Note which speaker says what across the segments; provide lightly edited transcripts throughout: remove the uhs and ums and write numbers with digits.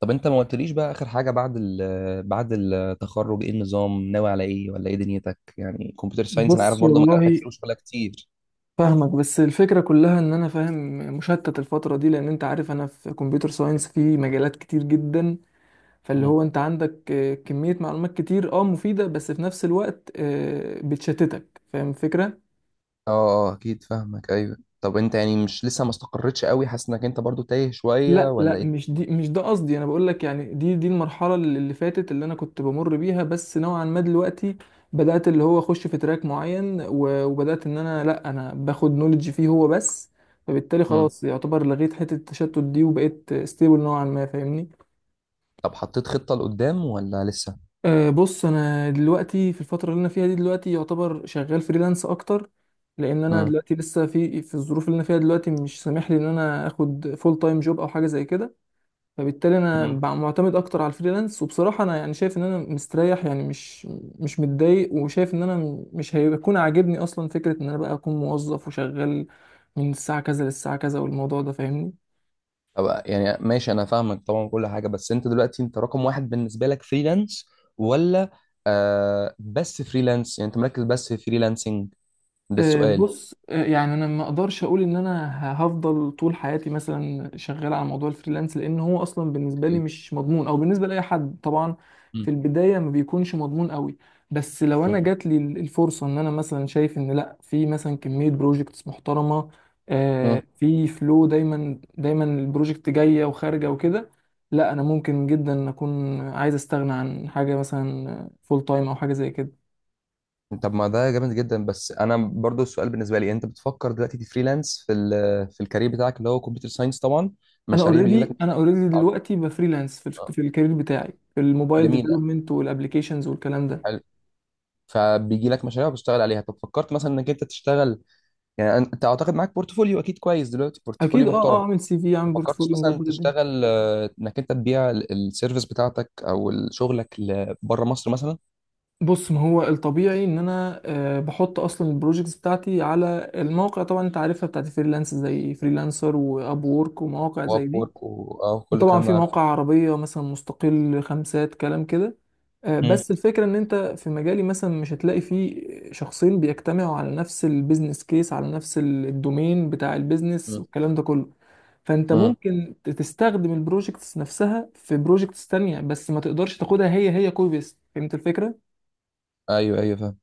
Speaker 1: طب انت ما قلتليش بقى اخر حاجه بعد ال آه، بعد التخرج، ايه النظام ناوي على ايه، ولا ايه دنيتك؟ يعني كمبيوتر ساينس، انا عارف
Speaker 2: بص
Speaker 1: برضه مجالاتك
Speaker 2: والله،
Speaker 1: كتير وشغلها كتير.
Speaker 2: فاهمك. بس الفكرة كلها ان انا فاهم، مشتت الفترة دي لان انت عارف انا في كمبيوتر ساينس في مجالات كتير جدا. فاللي
Speaker 1: مم.
Speaker 2: هو انت عندك كمية معلومات كتير مفيدة بس في نفس الوقت بتشتتك، فاهم الفكرة.
Speaker 1: اه اه، اكيد فاهمك. ايوه، طب انت يعني مش لسه ما استقرتش قوي؟ حاسس انك انت برضه تايه شويه
Speaker 2: لا لا،
Speaker 1: ولا ايه؟
Speaker 2: مش دي، مش ده قصدي. انا بقول لك يعني دي المرحله اللي فاتت اللي انا كنت بمر بيها، بس نوعا ما دلوقتي بدات اللي هو اخش في تراك معين وبدات ان انا لا، انا باخد نولج فيه هو بس. فبالتالي
Speaker 1: مم.
Speaker 2: خلاص يعتبر لغيت حته التشتت دي وبقيت ستيبل نوعا ما، فاهمني.
Speaker 1: طب حطيت خطه لقدام ولا لسه؟
Speaker 2: أه، بص، انا دلوقتي في الفتره اللي انا فيها دي دلوقتي يعتبر شغال فريلانس اكتر، لان انا
Speaker 1: مم.
Speaker 2: دلوقتي لسه في الظروف اللي انا فيها دلوقتي مش سامح لي ان انا اخد فول تايم جوب او حاجه زي كده. فبالتالي انا
Speaker 1: مم.
Speaker 2: معتمد اكتر على الفريلانس، وبصراحه انا يعني شايف ان انا مستريح، يعني مش مش متضايق، وشايف ان انا مش هيكون عاجبني اصلا فكره ان انا بقى اكون موظف وشغال من الساعه كذا للساعه كذا والموضوع ده، فاهمني.
Speaker 1: طب يعني ماشي، انا فاهمك طبعا كل حاجه، بس انت دلوقتي انت رقم واحد بالنسبه لك فريلانس ولا؟ بس فريلانس، يعني انت مركز بس في فريلانسنج؟ ده السؤال.
Speaker 2: بص، يعني انا ما اقدرش اقول ان انا هفضل طول حياتي مثلا شغال على موضوع الفريلانس، لان هو اصلا بالنسبه لي
Speaker 1: اوكي.
Speaker 2: مش مضمون، او بالنسبه لاي حد طبعا في البدايه ما بيكونش مضمون قوي. بس لو انا
Speaker 1: مم.
Speaker 2: جات لي الفرصه ان انا مثلا شايف ان لا، في مثلا كميه بروجكتس محترمه،
Speaker 1: مم.
Speaker 2: في فلو دايما البروجكت جايه وخارجه وكده، لا انا ممكن جدا اكون عايز استغنى عن حاجه مثلا فول تايم او حاجه زي كده.
Speaker 1: طب ما ده جامد جدا، بس انا برضو السؤال بالنسبه لي، انت بتفكر دلوقتي تفريلانس في في الكارير بتاعك اللي هو كمبيوتر ساينس طبعا؟
Speaker 2: انا
Speaker 1: مشاريع بيجي لك
Speaker 2: اوريدي، انا
Speaker 1: مشاريع؟
Speaker 2: اوريدي
Speaker 1: عن-
Speaker 2: دلوقتي بفريلانس في
Speaker 1: آه،
Speaker 2: في الكارير بتاعي في الموبايل
Speaker 1: جميله،
Speaker 2: ديفلوبمنت والابلكيشنز والكلام ده.
Speaker 1: حلو. فبيجي لك مشاريع وبتشتغل عليها، طب فكرت مثلا انك انت تشتغل؟ يعني انت اعتقد معاك بورتفوليو اكيد كويس دلوقتي، بورتفوليو
Speaker 2: اكيد،
Speaker 1: محترم.
Speaker 2: اعمل سي في،
Speaker 1: ما
Speaker 2: اعمل
Speaker 1: فكرتش
Speaker 2: بورتفوليو،
Speaker 1: مثلا
Speaker 2: مظبط الدنيا.
Speaker 1: تشتغل، انك انت تبيع السيرفيس بتاعتك او شغلك بره مصر مثلا؟
Speaker 2: بص، ما هو الطبيعي ان انا بحط اصلا البروجكتس بتاعتي على المواقع طبعا انت عارفها، بتاعت فريلانس زي فريلانسر، واب وورك، ومواقع
Speaker 1: واب
Speaker 2: زي دي.
Speaker 1: وورك وكل
Speaker 2: وطبعا
Speaker 1: الكلام
Speaker 2: في
Speaker 1: ده عارفه.
Speaker 2: مواقع عربية مثلا مستقل، خمسات، كلام كده.
Speaker 1: مم.
Speaker 2: بس الفكرة ان انت في مجالي مثلا مش هتلاقي فيه شخصين بيجتمعوا على نفس البيزنس كيس، على نفس الدومين بتاع البيزنس
Speaker 1: مم.
Speaker 2: والكلام ده كله. فانت
Speaker 1: مم.
Speaker 2: ممكن تستخدم البروجكتس نفسها في بروجكتس تانية، بس ما تقدرش تاخدها هي هي كوبي بيست، فهمت الفكرة؟
Speaker 1: ايوه ايوه، فاهم.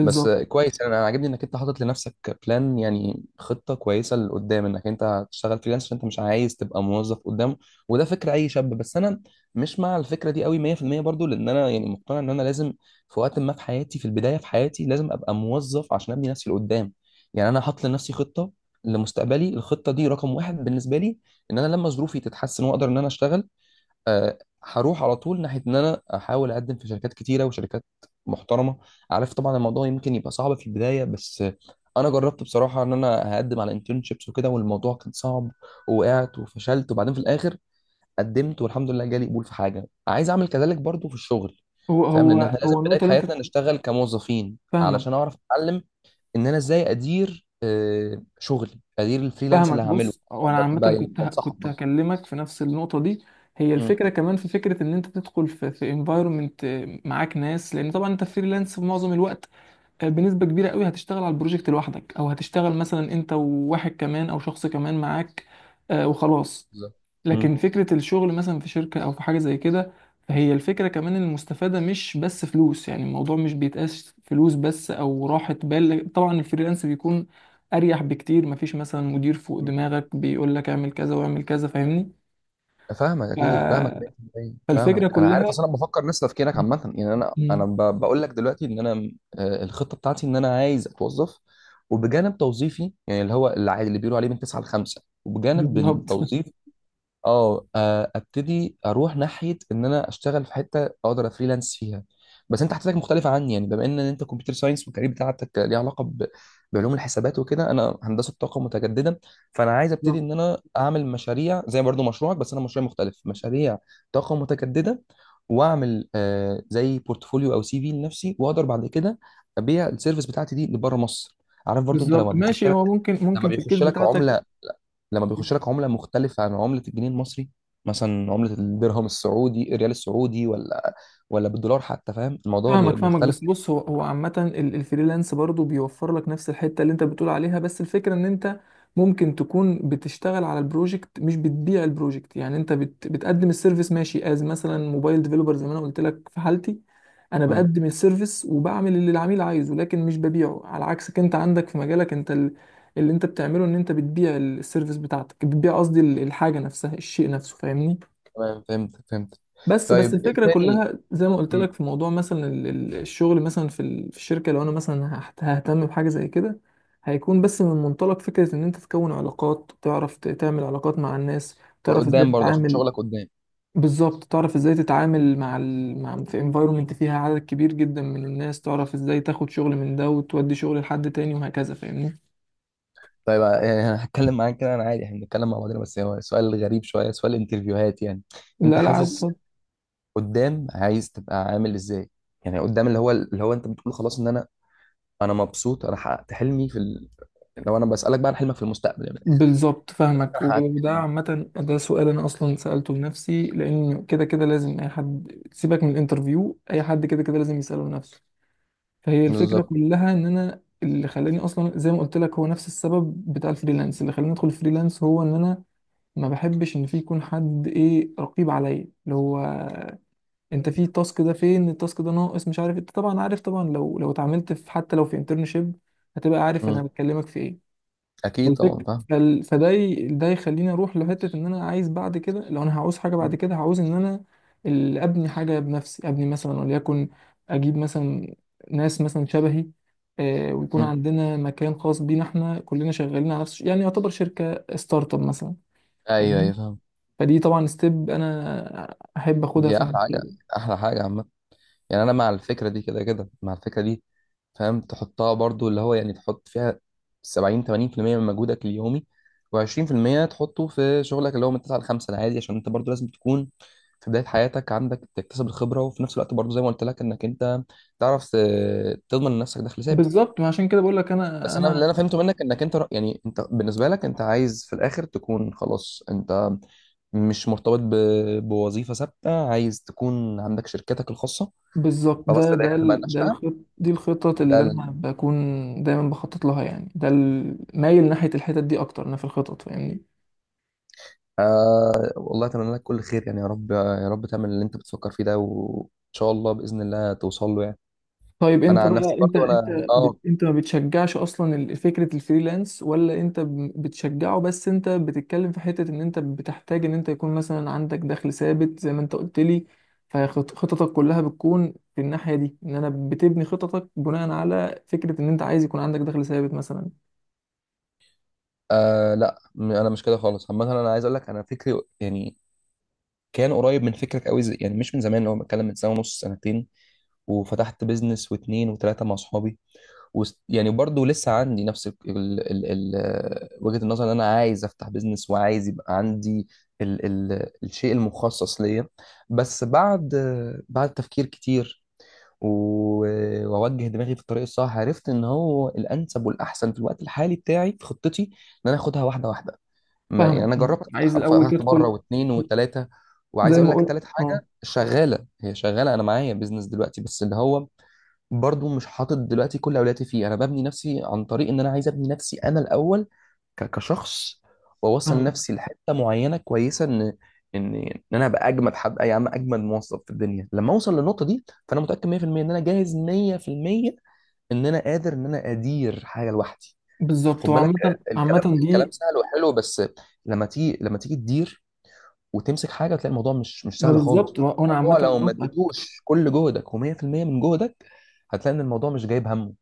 Speaker 1: بس كويس، أنا عاجبني انك انت حاطط لنفسك بلان، يعني خطه كويسه لقدام، انك انت هتشتغل فريلانس عشان انت مش عايز تبقى موظف قدام، وده فكر اي شاب، بس انا مش مع الفكره دي قوي 100%، برضو لان انا يعني مقتنع ان انا لازم في وقت ما في حياتي، في البدايه في حياتي لازم ابقى موظف عشان ابني نفسي لقدام. يعني انا حاطط لنفسي خطه لمستقبلي، الخطه دي رقم واحد بالنسبه لي، ان انا لما ظروفي تتحسن واقدر ان انا اشتغل، آه، هروح على طول ناحيه ان انا احاول اقدم في شركات كتيره وشركات محترمه. عارف طبعا الموضوع يمكن يبقى صعب في البدايه، بس انا جربت بصراحه ان انا هقدم على انترنشيبس وكده والموضوع كان صعب، ووقعت وفشلت، وبعدين في الاخر قدمت والحمد لله جالي قبول في حاجه عايز اعمل كذلك برضو في الشغل.
Speaker 2: هو
Speaker 1: فاهم، لان احنا
Speaker 2: هو
Speaker 1: لازم
Speaker 2: هو
Speaker 1: في بدايه
Speaker 2: النقطة اللي انت
Speaker 1: حياتنا نشتغل كموظفين
Speaker 2: فاهمة.
Speaker 1: علشان اعرف اتعلم ان انا ازاي ادير شغلي، ادير الفريلانس
Speaker 2: فاهمك.
Speaker 1: اللي هعمله.
Speaker 2: بص، وانا عامه
Speaker 1: يعني
Speaker 2: كنت
Speaker 1: بنصحك
Speaker 2: كنت
Speaker 1: برضه.
Speaker 2: هكلمك في نفس النقطه دي. هي
Speaker 1: مم.
Speaker 2: الفكره كمان، في فكره ان انت تدخل في انفايرمنت معاك ناس، لان طبعا انت فريلانس في معظم الوقت، بنسبه كبيره قوي هتشتغل على البروجكت لوحدك، او هتشتغل مثلا انت وواحد كمان او شخص كمان معاك، وخلاص.
Speaker 1: بالظبط. مم.
Speaker 2: لكن فكرة الشغل مثلا في شركة أو في حاجة زي كده، فهي الفكرة كمان إن المستفادة مش بس فلوس، يعني الموضوع مش بيتقاس فلوس بس أو راحة بال. طبعا الفريلانس بيكون أريح بكتير، مفيش مثلا مدير فوق دماغك بيقول لك اعمل كذا واعمل كذا، فاهمني.
Speaker 1: فاهمك،
Speaker 2: ف-
Speaker 1: اكيد فاهمك 100%،
Speaker 2: فالفكرة
Speaker 1: فاهمك، انا عارف
Speaker 2: كلها
Speaker 1: اصل انا بفكر نفس تفكيرك
Speaker 2: م-
Speaker 1: عامه، يعني انا
Speaker 2: م-
Speaker 1: بقول لك دلوقتي ان انا، الخطه بتاعتي ان انا عايز اتوظف، وبجانب توظيفي يعني اللي هو اللي بيقولوا عليه من 9 ل 5، وبجانب
Speaker 2: بالظبط.
Speaker 1: التوظيف ابتدي اروح ناحيه ان انا اشتغل في حته اقدر افريلانس فيها. بس انت حاجتك مختلفه عني، يعني بما ان انت كمبيوتر ساينس والكارير بتاعتك ليه علاقه بعلوم الحسابات وكده، انا هندسه طاقه متجدده. فانا عايز ابتدي
Speaker 2: بالظبط.
Speaker 1: ان انا اعمل مشاريع زي برضو مشروعك، بس انا مشروع مختلف، مشاريع طاقه متجدده، واعمل زي بورتفوليو او سي في لنفسي، واقدر بعد كده ابيع السيرفيس بتاعتي دي لبره مصر. عارف برضو انت
Speaker 2: بالظبط، ماشي. هو ممكن،
Speaker 1: لما
Speaker 2: ممكن في الكيس
Speaker 1: بيخش لك
Speaker 2: بتاعتك.
Speaker 1: عمله لما بيخش لك عمله مختلفه عن عمله الجنيه المصري، مثلا عمله الدرهم السعودي، الريال السعودي، ولا بالدولار حتى، فاهم الموضوع
Speaker 2: فاهمك، فاهمك.
Speaker 1: بيختلف.
Speaker 2: بس بص، هو هو عامة الفريلانس برضو بيوفر لك نفس الحتة اللي انت بتقول عليها، بس الفكرة ان انت ممكن تكون بتشتغل على البروجكت، مش بتبيع البروجكت. يعني انت بتقدم السيرفيس، ماشي، از مثلا موبايل ديفلوبر زي ما انا قلت لك في حالتي، انا
Speaker 1: اه،
Speaker 2: بقدم السيرفيس وبعمل اللي العميل عايزه، لكن مش ببيعه. على عكسك انت، عندك في مجالك انت اللي انت بتعمله ان انت بتبيع السيرفيس بتاعتك، بتبيع قصدي الحاجة نفسها، الشيء نفسه، فاهمني.
Speaker 1: تمام فهمت فهمت.
Speaker 2: بس بس
Speaker 1: طيب ايه
Speaker 2: الفكرة
Speaker 1: تاني؟
Speaker 2: كلها زي ما قلت
Speaker 1: مم،
Speaker 2: لك، في موضوع مثلا الشغل مثلا في في الشركة، لو انا مثلا ههتم بحاجة زي كده، هيكون بس من منطلق فكرة ان انت تكون علاقات، تعرف تعمل علاقات مع الناس، تعرف ازاي
Speaker 1: لقدام برضه عشان
Speaker 2: تتعامل.
Speaker 1: شغلك قدام.
Speaker 2: بالظبط، تعرف ازاي تتعامل مع ال... مع في انفايرومنت فيها عدد كبير جدا من الناس، تعرف ازاي تاخد شغل من ده وتودي شغل لحد تاني وهكذا، فاهمني.
Speaker 1: طيب يعني انا هتكلم معاك كده انا عادي، احنا بنتكلم مع بعضنا، بس هو سؤال غريب شويه، سؤال انترفيوهات يعني، انت
Speaker 2: لا لا
Speaker 1: حاسس
Speaker 2: عادي.
Speaker 1: قدام عايز تبقى عامل ازاي؟ يعني قدام، اللي هو انت بتقول خلاص ان انا مبسوط، انا حققت حلمي في لو انا بسالك بقى عن حلمك في المستقبل يعني من الاخر،
Speaker 2: بالظبط فاهمك.
Speaker 1: انا حققت
Speaker 2: وده
Speaker 1: حلمي.
Speaker 2: عامة ده سؤال أنا أصلا سألته لنفسي، لأن كده كده لازم أي حد، سيبك من الانترفيو، أي حد كده كده لازم يسأله لنفسه. فهي الفكرة
Speaker 1: بالظبط.
Speaker 2: كلها إن أنا، اللي خلاني أصلا زي ما قلت لك هو نفس السبب بتاع الفريلانس اللي خلاني أدخل الفريلانس، هو إن أنا ما بحبش إن في يكون حد إيه، رقيب عليا، اللي هو أنت في التاسك ده، فين التاسك ده ناقص، مش عارف. أنت طبعا عارف، طبعا لو اتعاملت في، حتى لو في انترنشيب، هتبقى عارف أنا
Speaker 1: مم.
Speaker 2: بتكلمك في إيه.
Speaker 1: اكيد طبعا
Speaker 2: فالفك...
Speaker 1: فاهم.
Speaker 2: فال... فده ي... ده يخليني اروح لحته ان انا عايز بعد كده، لو انا هعوز حاجه بعد
Speaker 1: مم.
Speaker 2: كده هعوز ان انا ابني حاجه بنفسي، ابني مثلا وليكن، اجيب مثلا ناس مثلا شبهي، آه، ويكون
Speaker 1: مم.
Speaker 2: عندنا مكان خاص بينا احنا كلنا شغالين على نفس، يعني يعتبر شركه ستارت اب مثلا،
Speaker 1: ايوه
Speaker 2: فاهمني.
Speaker 1: ايوه، فاهم.
Speaker 2: فدي طبعا ستيب انا احب اخدها
Speaker 1: دي
Speaker 2: في
Speaker 1: احلى حاجه،
Speaker 2: المستقبل.
Speaker 1: احلى حاجه عامه، يعني انا مع الفكره دي، كده كده مع الفكره دي. فاهم تحطها برضو اللي هو، يعني تحط فيها 70 80% من مجهودك اليومي، و20% تحطه في شغلك اللي هو من 9 ل 5 العادي، عشان انت برضو لازم تكون في بدايه حياتك عندك، تكتسب الخبره، وفي نفس الوقت برضو زي ما قلت لك انك انت تعرف تضمن لنفسك دخل ثابت.
Speaker 2: بالظبط، ما عشان كده بقول لك. انا
Speaker 1: بس انا اللي
Speaker 2: انا
Speaker 1: انا فهمته منك انك انت يعني انت بالنسبه لك انت عايز في الاخر تكون خلاص، انت مش مرتبط بوظيفة ثابتة، عايز تكون عندك شركتك الخاصة،
Speaker 2: بالظبط،
Speaker 1: خلاص ده هي هتبقى
Speaker 2: ده
Speaker 1: النشأة.
Speaker 2: الخط، دي الخطط
Speaker 1: ده
Speaker 2: اللي
Speaker 1: ال...
Speaker 2: انا بكون دايما بخطط لها، يعني ده مايل ناحية الحتت دي اكتر انا في الخطط، فاهمني.
Speaker 1: آه والله أتمنى لك كل خير، يعني يا رب يا رب تعمل اللي أنت بتفكر فيه ده، وإن شاء الله بإذن الله توصل له يعني.
Speaker 2: طيب انت
Speaker 1: أنا عن نفسي
Speaker 2: بقى،
Speaker 1: برضو أنا،
Speaker 2: انت ما بتشجعش اصلا فكرة الفريلانس، ولا انت بتشجعه، بس انت بتتكلم في حتة ان انت بتحتاج ان انت يكون مثلا عندك دخل ثابت زي ما انت قلت لي؟ فخططك كلها بتكون في الناحية دي، ان انا بتبني خططك بناء على فكرة ان انت عايز يكون عندك دخل ثابت مثلا.
Speaker 1: لا أنا مش كده خالص. عامة أنا عايز أقول لك أنا فكري يعني كان قريب من فكرك قوي، زي يعني مش من زمان، لو بتكلم من سنه ونص، سنتين، وفتحت بيزنس واثنين وثلاثه مع اصحابي، يعني برضو لسه عندي نفس ال ال ال ال وجهة النظر، ان انا عايز افتح بيزنس، وعايز يبقى عندي ال ال الشيء المخصص ليا. بس بعد تفكير كتير واوجه دماغي في الطريق الصح، عرفت ان هو الانسب والاحسن في الوقت الحالي بتاعي في خطتي ان انا اخدها واحده واحده، ما يعني
Speaker 2: فاهمك،
Speaker 1: انا
Speaker 2: فاهمك.
Speaker 1: جربت افتح
Speaker 2: عايز
Speaker 1: انا
Speaker 2: الاول
Speaker 1: فتحت مره
Speaker 2: تدخل
Speaker 1: واثنين وثلاثه. وعايز
Speaker 2: زي
Speaker 1: اقول
Speaker 2: ما
Speaker 1: لك
Speaker 2: قلت،
Speaker 1: ثالث
Speaker 2: اه.
Speaker 1: حاجه شغاله هي شغاله، انا معايا بيزنس دلوقتي، بس اللي هو برضو مش حاطط دلوقتي كل اولوياتي فيه، انا ببني نفسي عن طريق ان انا عايز ابني نفسي انا الاول كشخص، واوصل
Speaker 2: فاهمة،
Speaker 1: نفسي لحته معينه كويسه ان انا ابقى اجمد حد يا عم، اجمد موظف في الدنيا، لما اوصل للنقطه دي، فانا متاكد 100% ان انا جاهز 100%، ان انا قادر ان انا ادير حاجه لوحدي.
Speaker 2: بالظبط.
Speaker 1: خد بالك،
Speaker 2: وعامة
Speaker 1: الكلام
Speaker 2: عامة
Speaker 1: الكلام
Speaker 2: دي،
Speaker 1: سهل وحلو، بس لما تيجي، لما تيجي تدير وتمسك حاجه، تلاقي الموضوع مش مش
Speaker 2: ما
Speaker 1: سهل خالص.
Speaker 2: بالظبط، وانا
Speaker 1: الموضوع
Speaker 2: عامة
Speaker 1: لو ما
Speaker 2: موافقك.
Speaker 1: اديتوش كل جهدك و100% من جهدك، هتلاقي ان الموضوع مش جايب همه.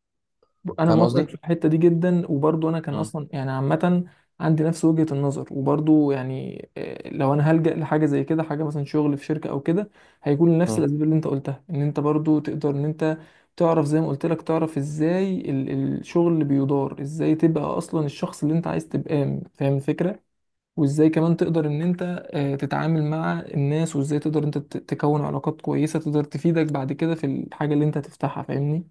Speaker 2: انا
Speaker 1: فاهم
Speaker 2: موافقك
Speaker 1: قصدي؟
Speaker 2: في الحتة دي جدا، وبرضو انا كان
Speaker 1: مم.
Speaker 2: اصلا يعني عامة عندي نفس وجهة النظر، وبرضو يعني لو انا هلجأ لحاجة زي كده، حاجة مثلا شغل في شركة او كده، هيكون لنفس
Speaker 1: مم.
Speaker 2: الاسباب اللي انت قلتها، ان انت برضو تقدر ان انت تعرف زي ما قلت لك، تعرف ازاي الشغل اللي بيدار، ازاي تبقى اصلا الشخص اللي انت عايز تبقى، فاهم الفكرة. وازاي كمان تقدر ان انت تتعامل مع الناس، وازاي تقدر انت تكون علاقات كويسة تقدر تفيدك بعد كده في الحاجة اللي انت هتفتحها، فاهمني.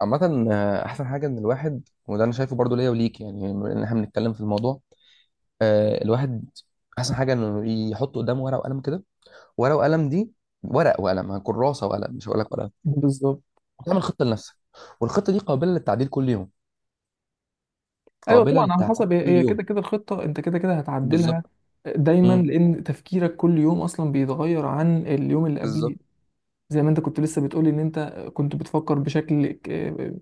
Speaker 1: عامة، أحسن حاجة إن الواحد، وده أنا شايفه برضو ليا وليك يعني، بما إن إحنا بنتكلم في الموضوع، الواحد أحسن حاجة إنه يحط قدامه ورقة وقلم كده، ورقة وقلم دي، ورق وقلم، كراسة وقلم مش هقول لك ورقة،
Speaker 2: بالظبط.
Speaker 1: تعمل خطة لنفسك، والخطة دي قابلة للتعديل كل يوم،
Speaker 2: ايوه
Speaker 1: قابلة
Speaker 2: طبعا على
Speaker 1: للتعديل
Speaker 2: حسب، هي
Speaker 1: كل
Speaker 2: هي كده
Speaker 1: يوم.
Speaker 2: كده الخطة انت كده كده هتعدلها
Speaker 1: بالظبط.
Speaker 2: دايما،
Speaker 1: امم
Speaker 2: لان تفكيرك كل يوم اصلا بيتغير عن اليوم اللي قبله.
Speaker 1: بالظبط.
Speaker 2: زي ما انت كنت لسه بتقولي ان انت كنت بتفكر بشكل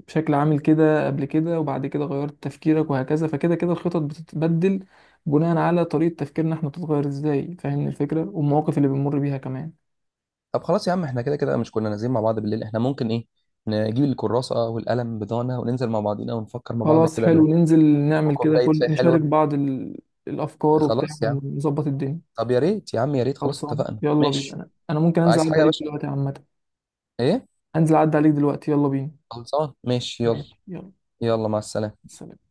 Speaker 2: بشكل عامل كده قبل كده، وبعد كده غيرت تفكيرك، وهكذا. فكده كده الخطط بتتبدل بناء على طريقة تفكيرنا احنا بتتغير ازاي، فاهمني الفكرة، والمواقف اللي بنمر بيها كمان.
Speaker 1: طب خلاص يا عم احنا كده كده مش كنا نازلين مع بعض بالليل، احنا ممكن ايه نجيب الكراسة والقلم بتاعنا وننزل مع بعضينا ونفكر مع بعض
Speaker 2: خلاص
Speaker 1: كده
Speaker 2: حلو،
Speaker 1: بهدوء،
Speaker 2: ننزل نعمل كده،
Speaker 1: وكوباية
Speaker 2: كل
Speaker 1: شاي
Speaker 2: نشارك
Speaker 1: حلوة.
Speaker 2: بعض ال... الافكار وبتاع
Speaker 1: خلاص يا عم.
Speaker 2: ونظبط الدنيا.
Speaker 1: طب يا ريت يا عم يا ريت، خلاص
Speaker 2: خلصان،
Speaker 1: اتفقنا
Speaker 2: يلا بينا.
Speaker 1: ماشي.
Speaker 2: انا ممكن انزل
Speaker 1: عايز حاجة
Speaker 2: اعدي
Speaker 1: يا
Speaker 2: عليك
Speaker 1: باشا؟
Speaker 2: دلوقتي عامة.
Speaker 1: ايه؟
Speaker 2: انزل اعدي عليك دلوقتي، يلا بينا.
Speaker 1: خلصان ماشي يلا.
Speaker 2: ماشي، يلا.
Speaker 1: يلا مع السلامة.
Speaker 2: سلام.